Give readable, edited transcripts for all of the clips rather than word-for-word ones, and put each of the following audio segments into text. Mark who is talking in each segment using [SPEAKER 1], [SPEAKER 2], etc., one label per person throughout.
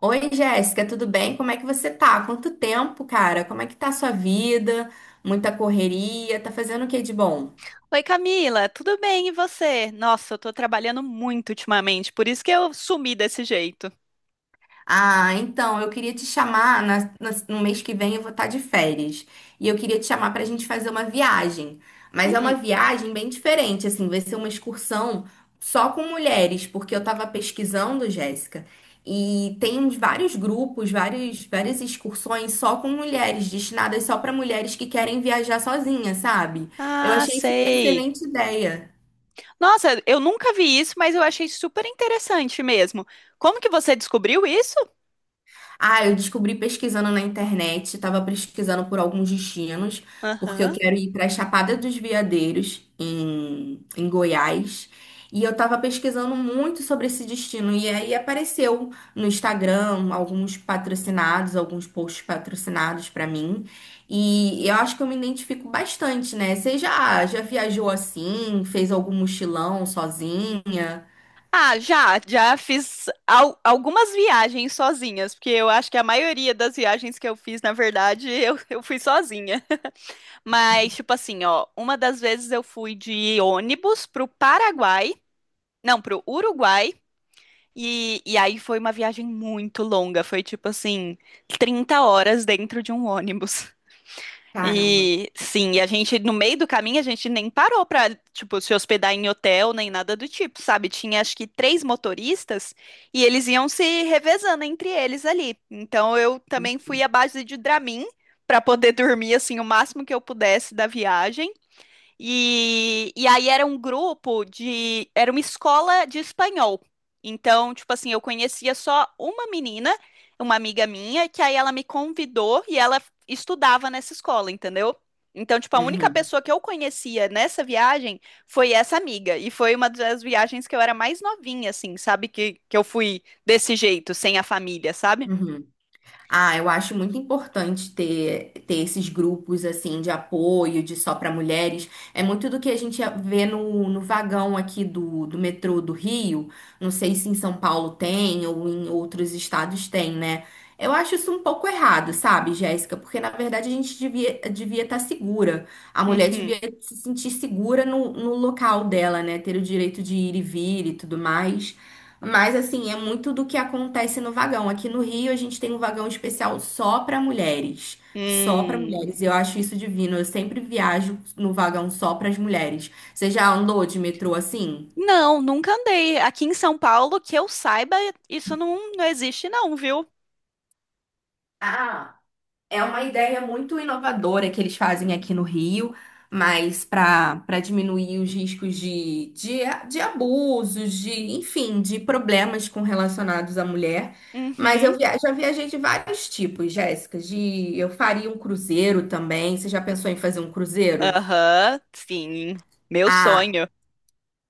[SPEAKER 1] Oi, Jéssica, tudo bem? Como é que você tá? Quanto tempo, cara? Como é que tá a sua vida? Muita correria? Tá fazendo o que de bom?
[SPEAKER 2] Oi, Camila, tudo bem e você? Nossa, eu tô trabalhando muito ultimamente, por isso que eu sumi desse jeito.
[SPEAKER 1] Ah, então, eu queria te chamar, no mês que vem eu vou estar de férias. E eu queria te chamar para a gente fazer uma viagem.
[SPEAKER 2] Hum,
[SPEAKER 1] Mas é uma
[SPEAKER 2] hum.
[SPEAKER 1] viagem bem diferente, assim, vai ser uma excursão só com mulheres, porque eu estava pesquisando, Jéssica, e tem uns vários grupos, vários, várias excursões só com mulheres, destinadas só para mulheres que querem viajar sozinha, sabe? Eu
[SPEAKER 2] Ah,
[SPEAKER 1] achei isso uma
[SPEAKER 2] sei.
[SPEAKER 1] excelente ideia.
[SPEAKER 2] Nossa, eu nunca vi isso, mas eu achei super interessante mesmo. Como que você descobriu isso?
[SPEAKER 1] Ah, eu descobri pesquisando na internet, estava pesquisando por alguns destinos, porque eu
[SPEAKER 2] Aham.
[SPEAKER 1] quero ir para a Chapada dos Veadeiros, em Goiás. E eu estava pesquisando muito sobre esse destino. E aí apareceu no Instagram alguns patrocinados, alguns posts patrocinados para mim. E eu acho que eu me identifico bastante, né? Você já, já viajou assim? Fez algum mochilão sozinha?
[SPEAKER 2] Ah, já fiz algumas viagens sozinhas, porque eu acho que a maioria das viagens que eu fiz, na verdade, eu fui sozinha. Mas, tipo assim, ó, uma das vezes eu fui de ônibus pro Paraguai, não, pro Uruguai. E aí foi uma viagem muito longa, foi tipo assim, 30 horas dentro de um ônibus.
[SPEAKER 1] Caramba.
[SPEAKER 2] E sim, e a gente, no meio do caminho, a gente nem parou pra, tipo, se hospedar em hotel nem nada do tipo, sabe? Tinha acho que três motoristas e eles iam se revezando entre eles ali. Então eu também fui à base de Dramin pra poder dormir assim o máximo que eu pudesse da viagem. E aí era um grupo de. Era uma escola de espanhol. Então, tipo assim, eu conhecia só uma menina, uma amiga minha, que aí ela me convidou e ela estudava nessa escola, entendeu? Então, tipo, a única
[SPEAKER 1] Uhum,
[SPEAKER 2] pessoa que eu conhecia nessa viagem foi essa amiga. E foi uma das viagens que eu era mais novinha, assim, sabe? Que eu fui desse jeito, sem a família, sabe?
[SPEAKER 1] uhum. Ah, eu acho muito importante ter, ter esses grupos assim de apoio, de só para mulheres. É muito do que a gente vê no vagão aqui do metrô do Rio. Não sei se em São Paulo tem ou em outros estados tem, né? Eu acho isso um pouco errado, sabe, Jéssica? Porque na verdade a gente devia estar segura. A mulher
[SPEAKER 2] Uhum.
[SPEAKER 1] devia se sentir segura no local dela, né? Ter o direito de ir e vir e tudo mais. Mas assim, é muito do que acontece no vagão. Aqui no Rio, a gente tem um vagão especial só para mulheres. Só para
[SPEAKER 2] Hum.
[SPEAKER 1] mulheres. Eu acho isso divino. Eu sempre viajo no vagão só para as mulheres. Você já andou de metrô assim?
[SPEAKER 2] Não, nunca andei. Aqui em São Paulo, que eu saiba, isso não existe, não, viu?
[SPEAKER 1] Ah. É uma ideia muito inovadora que eles fazem aqui no Rio, mas para diminuir os riscos de abusos, de, enfim, de problemas com relacionados à mulher. Mas
[SPEAKER 2] Uhum.
[SPEAKER 1] eu já viajei de vários tipos, Jéssica. De, eu faria um cruzeiro também. Você já pensou em fazer um cruzeiro?
[SPEAKER 2] Aham, sim. Meu
[SPEAKER 1] Ah,
[SPEAKER 2] sonho.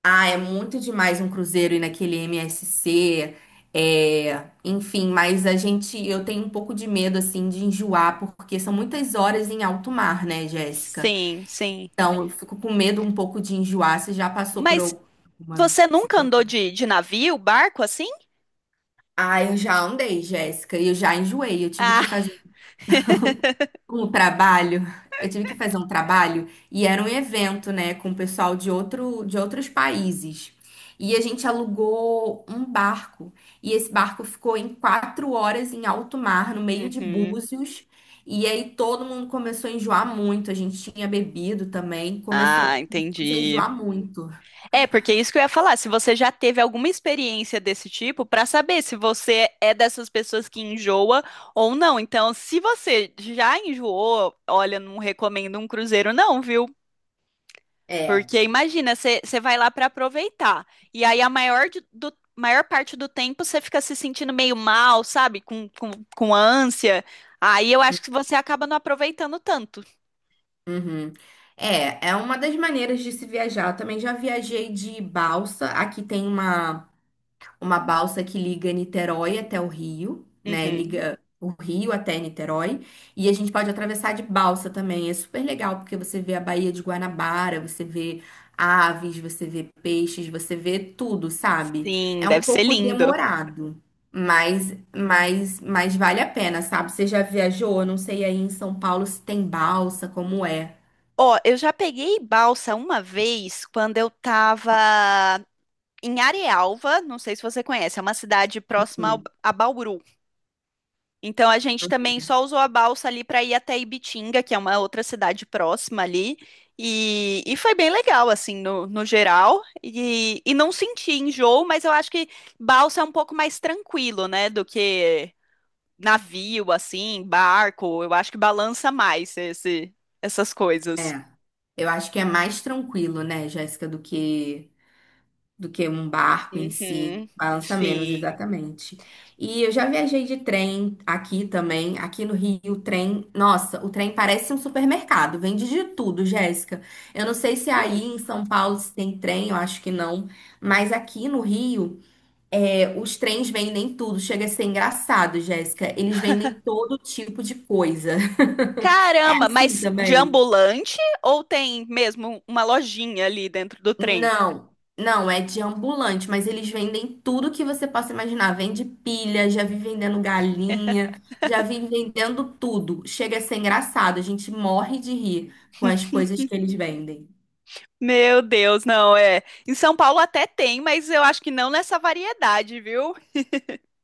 [SPEAKER 1] ah, é muito demais um cruzeiro ir naquele MSC, é, enfim, mas a gente, eu tenho um pouco de medo assim de enjoar, porque são muitas horas em alto mar, né, Jéssica?
[SPEAKER 2] Sim, sim.
[SPEAKER 1] Então, eu fico com medo um pouco de enjoar. Você já passou por
[SPEAKER 2] Mas
[SPEAKER 1] alguma
[SPEAKER 2] você nunca andou
[SPEAKER 1] situação?
[SPEAKER 2] de navio, barco assim?
[SPEAKER 1] Ah, eu já andei, Jéssica, e eu já enjoei. Eu tive que
[SPEAKER 2] Ah.
[SPEAKER 1] fazer com o trabalho, eu tive que fazer um trabalho e era um evento, né, com o pessoal de outros países. E a gente alugou um barco e esse barco ficou em quatro horas em alto mar, no meio de
[SPEAKER 2] Uhum.
[SPEAKER 1] Búzios. E aí todo mundo começou a enjoar muito. A gente tinha bebido também, começou
[SPEAKER 2] Ah,
[SPEAKER 1] começou a
[SPEAKER 2] entendi.
[SPEAKER 1] enjoar muito.
[SPEAKER 2] É, porque é isso que eu ia falar, se você já teve alguma experiência desse tipo, pra saber se você é dessas pessoas que enjoa ou não. Então, se você já enjoou, olha, não recomendo um cruzeiro não, viu?
[SPEAKER 1] É.
[SPEAKER 2] Porque imagina, você vai lá pra aproveitar. E aí a maior do maior parte do tempo você fica se sentindo meio mal, sabe? Com ânsia. Aí eu acho que você acaba não aproveitando tanto.
[SPEAKER 1] Uhum. É, é uma das maneiras de se viajar. Eu também já viajei de balsa. Aqui tem uma balsa que liga Niterói até o Rio, né?
[SPEAKER 2] Uhum.
[SPEAKER 1] Liga o Rio até Niterói. E a gente pode atravessar de balsa também. É super legal, porque você vê a Baía de Guanabara, você vê aves, você vê peixes, você vê tudo, sabe?
[SPEAKER 2] Sim,
[SPEAKER 1] É um
[SPEAKER 2] deve ser
[SPEAKER 1] pouco
[SPEAKER 2] lindo.
[SPEAKER 1] demorado. Mas vale a pena, sabe? Você já viajou? Eu não sei aí em São Paulo se tem balsa, como é.
[SPEAKER 2] Ó, eu já peguei balsa uma vez quando eu tava em Arealva, não sei se você conhece, é uma cidade próxima
[SPEAKER 1] Hum.
[SPEAKER 2] a Bauru. Então a gente também só usou a balsa ali pra ir até Ibitinga, que é uma outra cidade próxima ali. E foi bem legal, assim, no geral. E não senti enjoo, mas eu acho que balsa é um pouco mais tranquilo, né, do que navio, assim, barco. Eu acho que balança mais essas coisas.
[SPEAKER 1] É. Eu acho que é mais tranquilo, né, Jéssica, do que um barco em si.
[SPEAKER 2] Uhum.
[SPEAKER 1] Balança menos,
[SPEAKER 2] Sim.
[SPEAKER 1] exatamente. E eu já viajei de trem aqui também. Aqui no Rio, o trem. Nossa, o trem parece um supermercado. Vende de tudo, Jéssica. Eu não sei se aí
[SPEAKER 2] Hum.
[SPEAKER 1] em São Paulo se tem trem, eu acho que não. Mas aqui no Rio, é, os trens vendem tudo. Chega a ser engraçado, Jéssica. Eles vendem todo tipo de coisa. É
[SPEAKER 2] Caramba,
[SPEAKER 1] assim
[SPEAKER 2] mas de
[SPEAKER 1] também.
[SPEAKER 2] ambulante ou tem mesmo uma lojinha ali dentro do trem?
[SPEAKER 1] Não, é de ambulante, mas eles vendem tudo que você possa imaginar. Vende pilha, já vi vendendo galinha, já vi vendendo tudo. Chega a ser engraçado, a gente morre de rir com as coisas que eles vendem.
[SPEAKER 2] Meu Deus, não é. Em São Paulo até tem, mas eu acho que não nessa variedade, viu?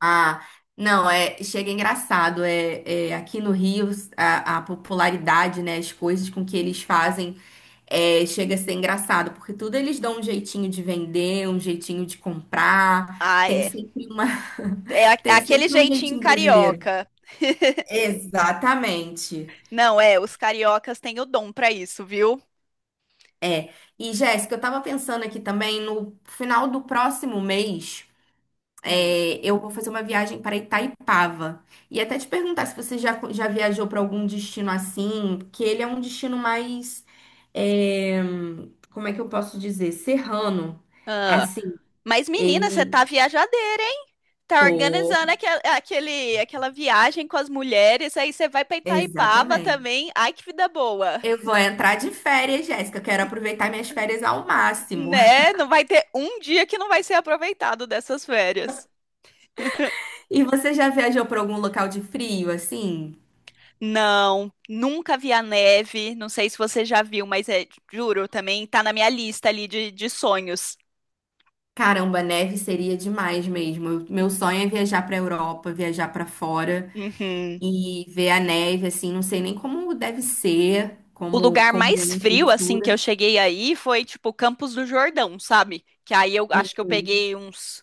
[SPEAKER 1] Ah, não, é, chega engraçado. É, é, aqui no Rio, a popularidade, né, as coisas com que eles fazem. É, chega a ser engraçado, porque tudo eles dão um jeitinho de vender, um jeitinho de comprar.
[SPEAKER 2] Ah,
[SPEAKER 1] Tem
[SPEAKER 2] é.
[SPEAKER 1] sempre uma...
[SPEAKER 2] É a- é
[SPEAKER 1] Tem
[SPEAKER 2] aquele
[SPEAKER 1] sempre um
[SPEAKER 2] jeitinho
[SPEAKER 1] jeitinho brasileiro.
[SPEAKER 2] carioca.
[SPEAKER 1] Exatamente.
[SPEAKER 2] Não, é, os cariocas têm o dom pra isso, viu?
[SPEAKER 1] E, Jéssica, eu tava pensando aqui também, no final do próximo mês,
[SPEAKER 2] Hum.
[SPEAKER 1] é, eu vou fazer uma viagem para Itaipava. E até te perguntar se você já, já viajou para algum destino assim, que ele é um destino mais... é, como é que eu posso dizer? Serrano.
[SPEAKER 2] Ah.
[SPEAKER 1] Assim,
[SPEAKER 2] Mas, menina, você
[SPEAKER 1] ele...
[SPEAKER 2] tá viajadeira, hein? Tá organizando aquela viagem com as mulheres, aí você vai pra Itaipava
[SPEAKER 1] Exatamente.
[SPEAKER 2] também. Ai, que vida boa,
[SPEAKER 1] Eu vou entrar de férias, Jéssica. Eu Quero aproveitar minhas férias ao máximo.
[SPEAKER 2] né? Não vai ter um dia que não vai ser aproveitado dessas férias.
[SPEAKER 1] E você já viajou para algum local de frio, assim?
[SPEAKER 2] Não, nunca vi a neve. Não sei se você já viu, mas é, juro, também tá na minha lista ali de sonhos.
[SPEAKER 1] Caramba, neve seria demais mesmo. Eu- Meu sonho é viajar para Europa, viajar para fora
[SPEAKER 2] Uhum.
[SPEAKER 1] e ver a neve, assim. Não sei nem como deve ser,
[SPEAKER 2] O
[SPEAKER 1] como,
[SPEAKER 2] lugar
[SPEAKER 1] como
[SPEAKER 2] mais
[SPEAKER 1] é a
[SPEAKER 2] frio, assim, que eu
[SPEAKER 1] textura.
[SPEAKER 2] cheguei aí foi, tipo, Campos do Jordão, sabe? Que aí eu acho que eu
[SPEAKER 1] Hum,
[SPEAKER 2] peguei uns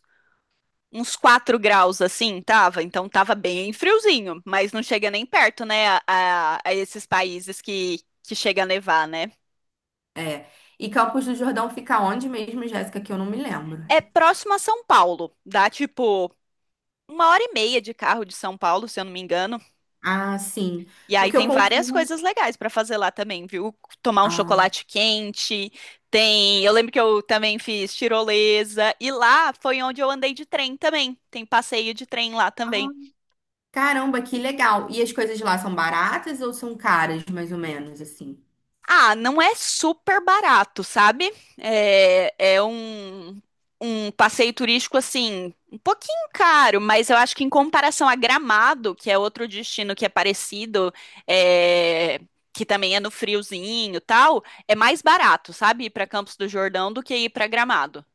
[SPEAKER 2] uns 4 graus assim, tava. Então tava bem friozinho, mas não chega nem perto, né, a esses países que chega a nevar, né?
[SPEAKER 1] É. E Campos do Jordão fica onde mesmo, Jéssica? Que eu não me lembro.
[SPEAKER 2] É próximo a São Paulo, dá tipo uma hora e meia de carro de São Paulo, se eu não me engano.
[SPEAKER 1] Ah, sim.
[SPEAKER 2] E aí
[SPEAKER 1] Porque eu
[SPEAKER 2] tem várias
[SPEAKER 1] confundo.
[SPEAKER 2] coisas legais pra fazer lá também, viu? Tomar um
[SPEAKER 1] Ah.
[SPEAKER 2] chocolate quente, tem. Eu lembro que eu também fiz tirolesa, e lá foi onde eu andei de trem também. Tem passeio de trem lá
[SPEAKER 1] Ah,
[SPEAKER 2] também.
[SPEAKER 1] caramba, que legal. E as coisas lá são baratas ou são caras, mais ou menos, assim?
[SPEAKER 2] Ah, não é super barato, sabe? É um passeio turístico assim, um pouquinho caro, mas eu acho que em comparação a Gramado, que é outro destino que é parecido, é, que também é no friozinho e tal, é mais barato, sabe? Ir para Campos do Jordão do que ir para Gramado.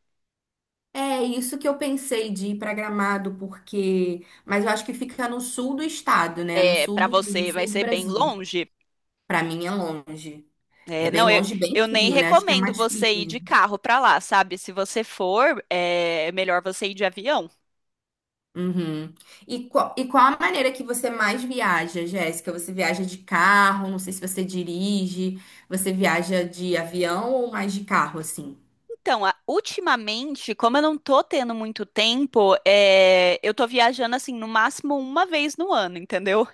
[SPEAKER 1] É isso que eu pensei de ir para Gramado, porque. Mas eu acho que fica no sul do estado, né? No
[SPEAKER 2] É,
[SPEAKER 1] sul
[SPEAKER 2] para
[SPEAKER 1] no
[SPEAKER 2] você vai
[SPEAKER 1] sul do
[SPEAKER 2] ser bem
[SPEAKER 1] Brasil.
[SPEAKER 2] longe.
[SPEAKER 1] Para mim é longe. É
[SPEAKER 2] É,
[SPEAKER 1] bem
[SPEAKER 2] não, eu,
[SPEAKER 1] longe, bem
[SPEAKER 2] eu nem
[SPEAKER 1] frio, né? Acho que é
[SPEAKER 2] recomendo
[SPEAKER 1] mais
[SPEAKER 2] você ir de
[SPEAKER 1] frio.
[SPEAKER 2] carro para lá, sabe? Se você for, é melhor você ir de avião.
[SPEAKER 1] Uhum. E qual a maneira que você mais viaja, Jéssica? Você viaja de carro? Não sei se você dirige. Você viaja de avião ou mais de carro, assim?
[SPEAKER 2] Então, ultimamente, como eu não tô tendo muito tempo, é, eu tô viajando assim no máximo uma vez no ano, entendeu?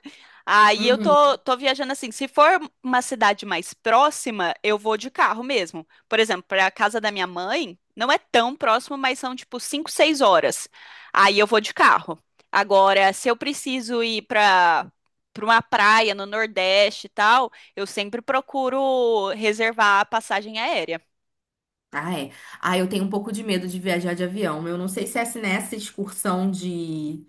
[SPEAKER 2] Aí eu tô viajando assim. Se for uma cidade mais próxima, eu vou de carro mesmo. Por exemplo, para a casa da minha mãe, não é tão próximo, mas são tipo 5, 6 horas. Aí eu vou de carro. Agora, se eu preciso ir para para uma praia no Nordeste e tal, eu sempre procuro reservar a passagem aérea.
[SPEAKER 1] Ah, é. Ah, eu tenho um pouco de medo de viajar de avião. Eu não sei se essa nessa excursão de,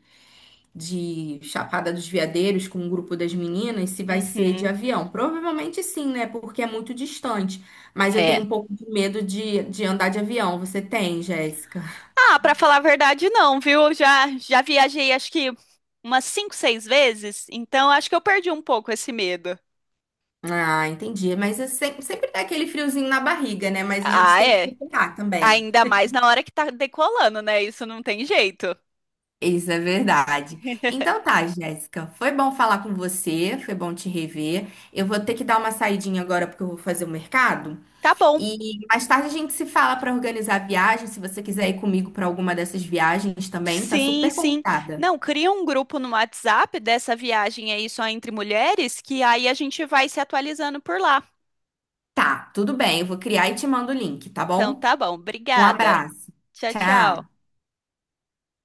[SPEAKER 1] de Chapada dos Veadeiros com um grupo das meninas, se vai ser de
[SPEAKER 2] Uhum.
[SPEAKER 1] avião. Provavelmente sim, né? Porque é muito distante. Mas eu
[SPEAKER 2] É.
[SPEAKER 1] tenho um pouco de medo de andar de avião. Você tem, Jéssica?
[SPEAKER 2] Ah, pra falar a verdade, não, viu? Eu já viajei acho que umas cinco, seis vezes, então acho que eu perdi um pouco esse medo.
[SPEAKER 1] Ah, entendi. Mas é sempre dá aquele friozinho na barriga, né? Mas a gente
[SPEAKER 2] Ah,
[SPEAKER 1] tem que
[SPEAKER 2] é.
[SPEAKER 1] superar também.
[SPEAKER 2] Ainda mais na hora que tá decolando, né? Isso não tem jeito.
[SPEAKER 1] Isso é verdade. Então tá, Jéssica, foi bom falar com você, foi bom te rever. Eu vou ter que dar uma saidinha agora porque eu vou fazer o mercado.
[SPEAKER 2] Tá bom.
[SPEAKER 1] E mais tarde a gente se fala para organizar a viagem, se você quiser ir comigo para alguma dessas viagens também, tá
[SPEAKER 2] Sim,
[SPEAKER 1] super
[SPEAKER 2] sim.
[SPEAKER 1] convidada.
[SPEAKER 2] Não, cria um grupo no WhatsApp dessa viagem aí só entre mulheres, que aí a gente vai se atualizando por lá.
[SPEAKER 1] Tá, tudo bem, eu vou criar e te mando o link, tá
[SPEAKER 2] Então
[SPEAKER 1] bom?
[SPEAKER 2] tá bom.
[SPEAKER 1] Um
[SPEAKER 2] Obrigada.
[SPEAKER 1] abraço.
[SPEAKER 2] Tchau, tchau.
[SPEAKER 1] Tchau.